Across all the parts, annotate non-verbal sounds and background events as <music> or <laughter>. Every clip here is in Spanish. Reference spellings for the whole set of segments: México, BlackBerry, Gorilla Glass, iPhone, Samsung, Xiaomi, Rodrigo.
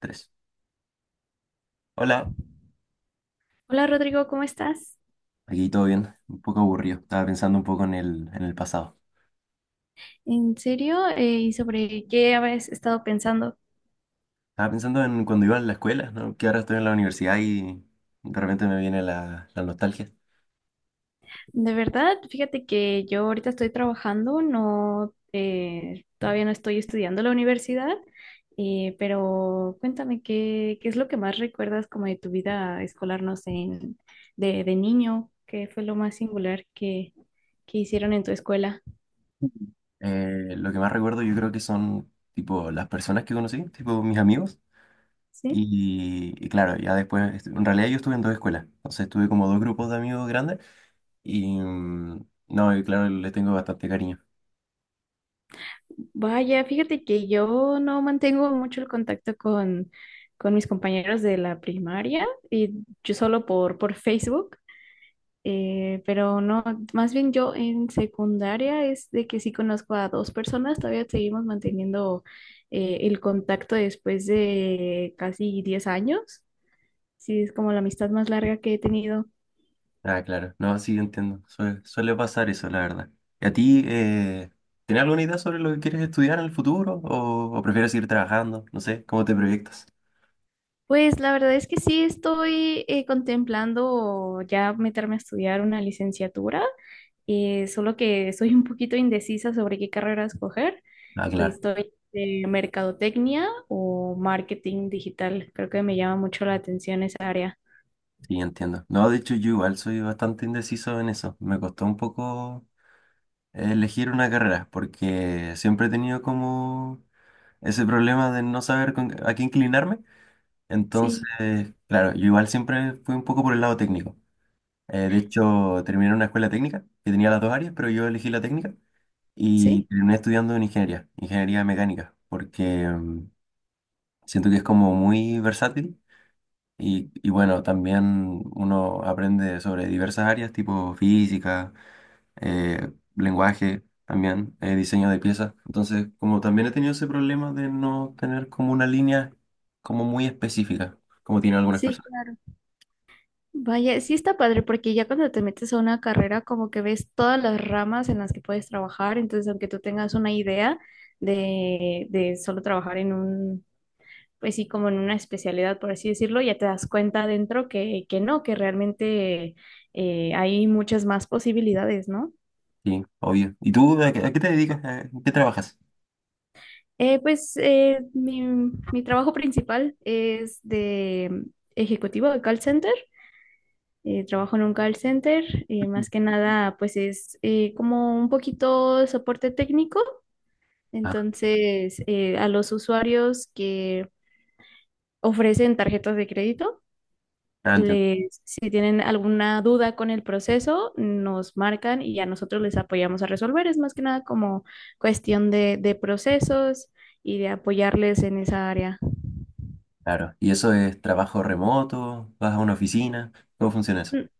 Tres. Hola, Hola Rodrigo, ¿cómo estás? aquí todo bien, un poco aburrido. Estaba pensando un poco en el pasado. ¿En serio? ¿Y sobre qué habías estado pensando? Estaba pensando en cuando iba a la escuela, ¿no? Que ahora estoy en la universidad y de repente me viene la nostalgia. De verdad, fíjate que yo ahorita estoy trabajando, no, todavía no estoy estudiando en la universidad, pero cuéntame qué es lo que más recuerdas como de tu vida escolar, no sé, de niño, qué fue lo más singular que hicieron en tu escuela, Lo que más recuerdo yo creo que son tipo las personas que conocí, tipo mis amigos. ¿sí? Y claro, ya después, en realidad yo estuve en dos escuelas, entonces tuve como dos grupos de amigos grandes y no, y claro, les tengo bastante cariño. Vaya, fíjate que yo no mantengo mucho el contacto con mis compañeros de la primaria y yo solo por Facebook, pero no, más bien yo en secundaria es de que sí conozco a dos personas, todavía seguimos manteniendo el contacto después de casi 10 años, sí es como la amistad más larga que he tenido. Ah, claro. No, sí, entiendo. Suele pasar eso, la verdad. ¿Y a ti, tienes alguna idea sobre lo que quieres estudiar en el futuro? ¿O prefieres seguir trabajando? No sé, ¿cómo te proyectas? Pues la verdad es que sí estoy contemplando ya meterme a estudiar una licenciatura. Solo que soy un poquito indecisa sobre qué carrera escoger. Ah, claro. Estoy de mercadotecnia o marketing digital. Creo que me llama mucho la atención esa área. Sí, entiendo. No, de hecho, yo igual soy bastante indeciso en eso. Me costó un poco elegir una carrera porque siempre he tenido como ese problema de no saber a qué inclinarme. Sí, Entonces, claro, yo igual siempre fui un poco por el lado técnico. De hecho, terminé en una escuela técnica que tenía las dos áreas, pero yo elegí la técnica. Y sí, terminé estudiando en ingeniería, ingeniería mecánica, porque siento que es como muy versátil y bueno, también uno aprende sobre diversas áreas, tipo física, eh, lenguaje, también diseño de piezas. Entonces, como también he tenido ese problema de no tener como una línea como muy específica, como tienen algunas sí, personas. claro. Vaya, sí está padre porque ya cuando te metes a una carrera como que ves todas las ramas en las que puedes trabajar, entonces aunque tú tengas una idea de solo trabajar en un, pues sí, como en una especialidad, por así decirlo, ya te das cuenta adentro que no, que realmente hay muchas más posibilidades, ¿no? Sí, obvio. ¿Y tú a qué te dedicas? ¿En qué trabajas? Pues mi trabajo principal es de ejecutivo de call center. Trabajo en un call center. eh, Ujú. más que nada, pues es como un poquito de soporte técnico. Ah, Entonces, a los usuarios que ofrecen tarjetas de crédito, ah, entiendo. les, si tienen alguna duda con el proceso, nos marcan y a nosotros les apoyamos a resolver. Es más que nada como cuestión de procesos y de apoyarles en esa área. Claro. ¿Y eso es trabajo remoto? ¿Vas a una oficina? ¿Cómo funciona eso? N-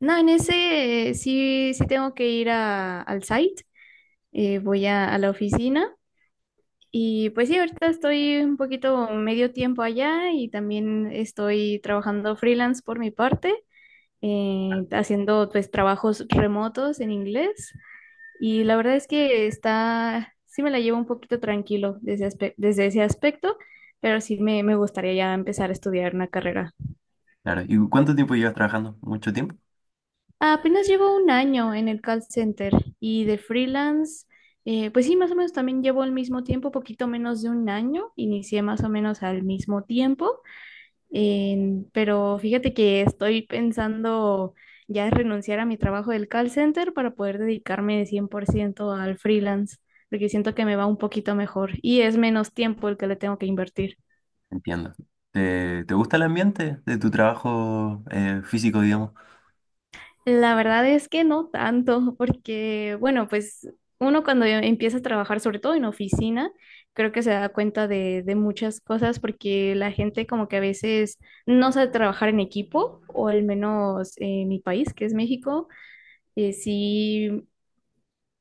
No, en ese sí, sí tengo que ir al site, voy a la oficina y pues sí, ahorita estoy un poquito medio tiempo allá y también estoy trabajando freelance por mi parte, haciendo pues trabajos remotos en inglés. Y la verdad es que está, sí me la llevo un poquito tranquilo desde, desde ese aspecto, pero sí me gustaría ya empezar a estudiar una carrera. Claro. ¿Y cuánto tiempo llevas trabajando? ¿Mucho tiempo? Apenas llevo un año en el call center y de freelance, pues sí, más o menos también llevo el mismo tiempo, poquito menos de un año, inicié más o menos al mismo tiempo. Pero fíjate que estoy pensando ya renunciar a mi trabajo del call center para poder dedicarme de ciento al freelance, porque siento que me va un poquito mejor y es menos tiempo el que le tengo que invertir. Entiendo. ¿Te gusta el ambiente de tu trabajo físico, digamos? La verdad es que no tanto, porque bueno, pues uno cuando ya empieza a trabajar, sobre todo en oficina, creo que se da cuenta de muchas cosas, porque la gente como que a veces no sabe trabajar en equipo, o al menos en mi país, que es México. Sí,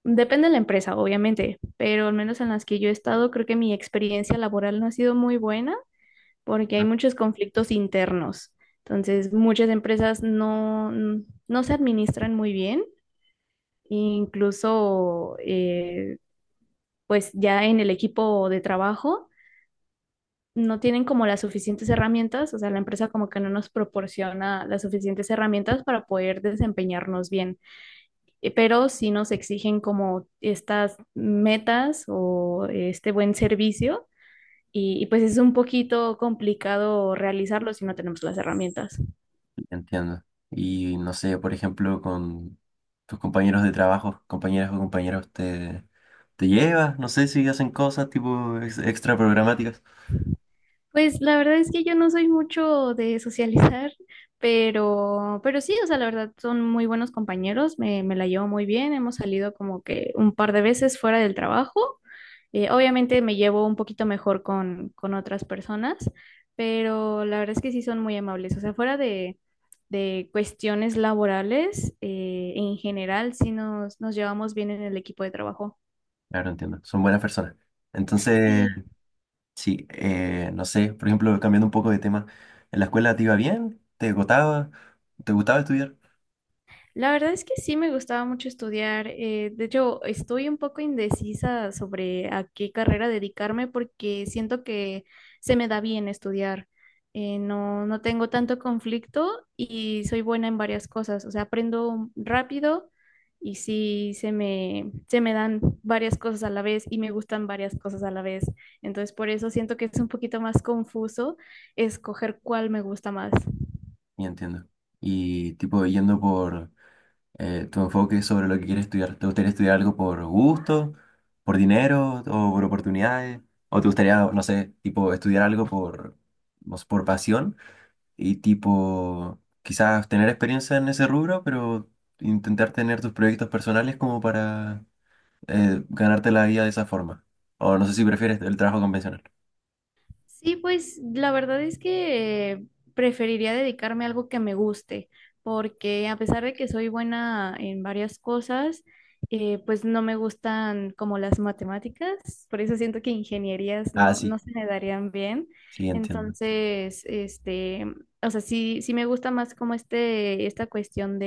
depende de la empresa, obviamente, pero al menos en las que yo he estado, creo que mi experiencia laboral no ha sido muy buena porque hay ¿No? muchos conflictos internos. Entonces, muchas empresas no se administran muy bien, incluso pues ya en el equipo de trabajo no tienen como las suficientes herramientas, o sea, la empresa como que no nos proporciona las suficientes herramientas para poder desempeñarnos bien. Pero sí nos exigen como estas metas o este buen servicio y pues es un poquito complicado realizarlo si no tenemos las herramientas. Entiendo. Y no sé, por ejemplo, con tus compañeros de trabajo, compañeras o compañeros, ¿te, te llevas? No sé si hacen cosas tipo extra programáticas. Pues la verdad es que yo no soy mucho de socializar, pero sí, o sea, la verdad son muy buenos compañeros, me la llevo muy bien, hemos salido como que un par de veces fuera del trabajo. Obviamente me llevo un poquito mejor con otras personas, pero la verdad es que sí son muy amables, o sea, fuera de cuestiones laborales, en general sí nos llevamos bien en el equipo de trabajo. Claro, entiendo. Son buenas personas. Entonces, Sí. sí, no sé, por ejemplo, cambiando un poco de tema, ¿en la escuela te iba bien? ¿Te gustaba? ¿Te gustaba estudiar? La verdad es que sí me gustaba mucho estudiar. De hecho, estoy un poco indecisa sobre a qué carrera dedicarme porque siento que se me da bien estudiar. No, no tengo tanto conflicto y soy buena en varias cosas. O sea, aprendo rápido y sí se me dan varias cosas a la vez y me gustan varias cosas a la vez. Entonces, por eso siento que es un poquito más confuso escoger cuál me gusta más. Ya entiendo. Y tipo, yendo por tu enfoque sobre lo que quieres estudiar, ¿te gustaría estudiar algo por gusto, por dinero o por oportunidades? ¿O te gustaría, no sé, tipo, estudiar algo por, no sé, por pasión y tipo, quizás tener experiencia en ese rubro, pero intentar tener tus proyectos personales como para ganarte la vida de esa forma. O no sé si prefieres el trabajo convencional. Sí, pues la verdad es que preferiría dedicarme a algo que me guste, porque a pesar de que soy buena en varias cosas, pues no me gustan como las matemáticas, por eso siento que ingenierías Ah, no sí, se me darían bien. sí, entiendo. Entonces, este, o sea, sí me gusta más como este, esta cuestión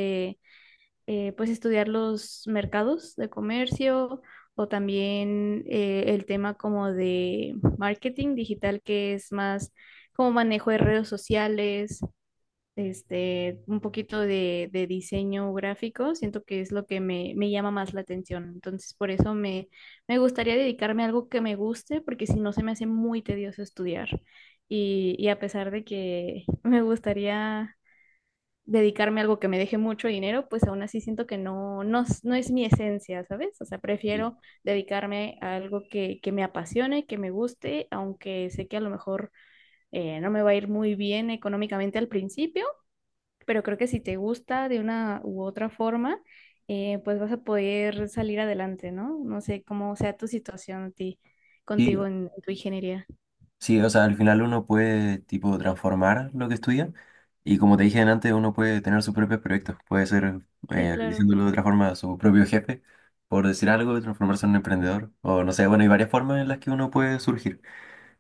pues estudiar los mercados de comercio o también el tema como de marketing digital, que es más como manejo de redes sociales, este, un poquito de diseño gráfico, siento que es lo que me llama más la atención. Entonces, por eso me gustaría dedicarme a algo que me guste, porque si no se me hace muy tedioso estudiar. Y a pesar de que <laughs> me gustaría dedicarme a algo que me deje mucho dinero, pues aún así siento que no, no, no es mi esencia, ¿sabes? O sea, Sí. prefiero dedicarme a algo que me apasione, que me guste, aunque sé que a lo mejor no me va a ir muy bien económicamente al principio, pero creo que si te gusta de una u otra forma, pues vas a poder salir adelante, ¿no? No sé cómo sea tu situación a ti, Sí, contigo en tu ingeniería. sí, o sea, al final uno puede, tipo, transformar lo que estudia y como te dije antes, uno puede tener sus propios proyectos. Puede ser, Sí, claro. diciéndolo de otra forma, su propio jefe, por decir algo, transformarse en un emprendedor. O no sé, bueno, hay varias formas en las que uno puede surgir.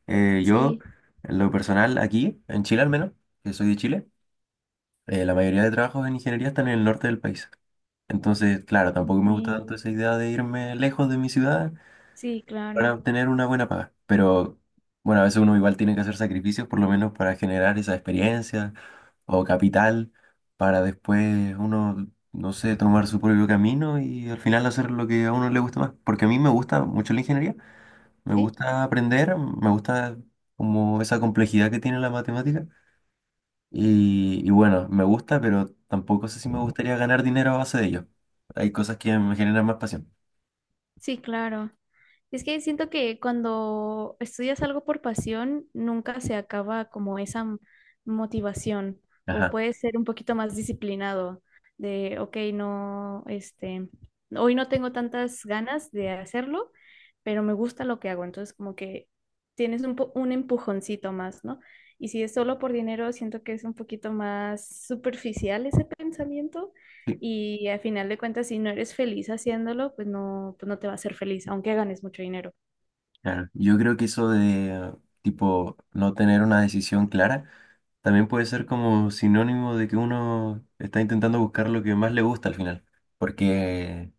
Eh, yo, Sí, en lo personal, aquí, en Chile al menos, que soy de Chile, la mayoría de trabajos en ingeniería están en el norte del país. Entonces, claro, tampoco me gusta ok. tanto esa idea de irme lejos de mi ciudad Sí, para claro. obtener una buena paga. Pero bueno, a veces uno igual tiene que hacer sacrificios, por lo menos para generar esa experiencia o capital, para después uno, no sé, tomar su propio camino y al final hacer lo que a uno le gusta más. Porque a mí me gusta mucho la ingeniería, me Sí, gusta aprender, me gusta como esa complejidad que tiene la matemática. Y bueno, me gusta, pero tampoco sé si me gustaría ganar dinero a base de ello. Hay cosas que me generan más pasión. sí, claro. Es que siento que cuando estudias algo por pasión, nunca se acaba como esa motivación o Ajá, puedes ser un poquito más disciplinado de, ok, no, este, hoy no tengo tantas ganas de hacerlo, pero me gusta lo que hago. Entonces como que tienes un, un empujoncito más, ¿no? Y si es solo por dinero, siento que es un poquito más superficial ese pensamiento sí, y al final de cuentas, si no eres feliz haciéndolo, pues no te va a hacer feliz, aunque ganes mucho dinero. claro. Yo creo que eso de, tipo, no tener una decisión clara también puede ser como sinónimo de que uno está intentando buscar lo que más le gusta al final. Porque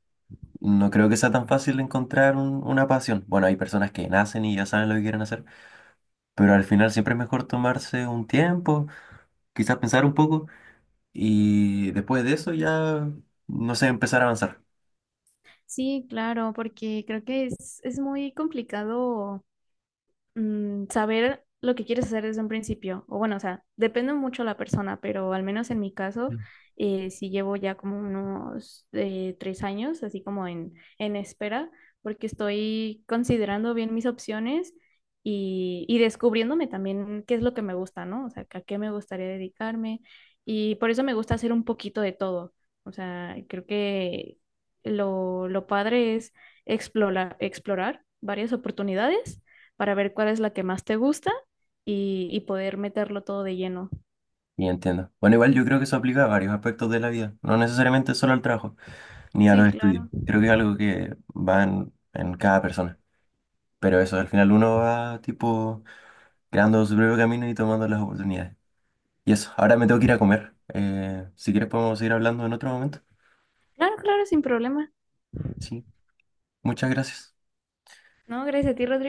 no creo que sea tan fácil encontrar una pasión. Bueno, hay personas que nacen y ya saben lo que quieren hacer, pero al final siempre es mejor tomarse un tiempo, quizás pensar un poco. Y después de eso ya, no sé, empezar a avanzar. Sí, claro, porque creo que es muy complicado saber lo que quieres hacer desde un principio. O bueno, o sea, depende mucho la persona, pero al menos en mi caso, sí llevo ya como unos 3 años, así como en espera, porque estoy considerando bien mis opciones y descubriéndome también qué es lo que me gusta, ¿no? O sea, que a qué me gustaría dedicarme. Y por eso me gusta hacer un poquito de todo. O sea, creo que lo padre es explorar, explorar varias oportunidades para ver cuál es la que más te gusta y poder meterlo todo de lleno. Y entiendo. Bueno, igual yo creo que eso aplica a varios aspectos de la vida, no necesariamente solo al trabajo, ni a Sí, los estudios. claro. Creo que es algo que va en cada persona. Pero eso, al final uno va tipo creando su propio camino y tomando las oportunidades. Y eso, ahora me tengo que ir a comer. Si quieres podemos seguir hablando en otro momento. Claro, claro, sin problema. Sí, muchas gracias. No, gracias a ti, Rodrigo.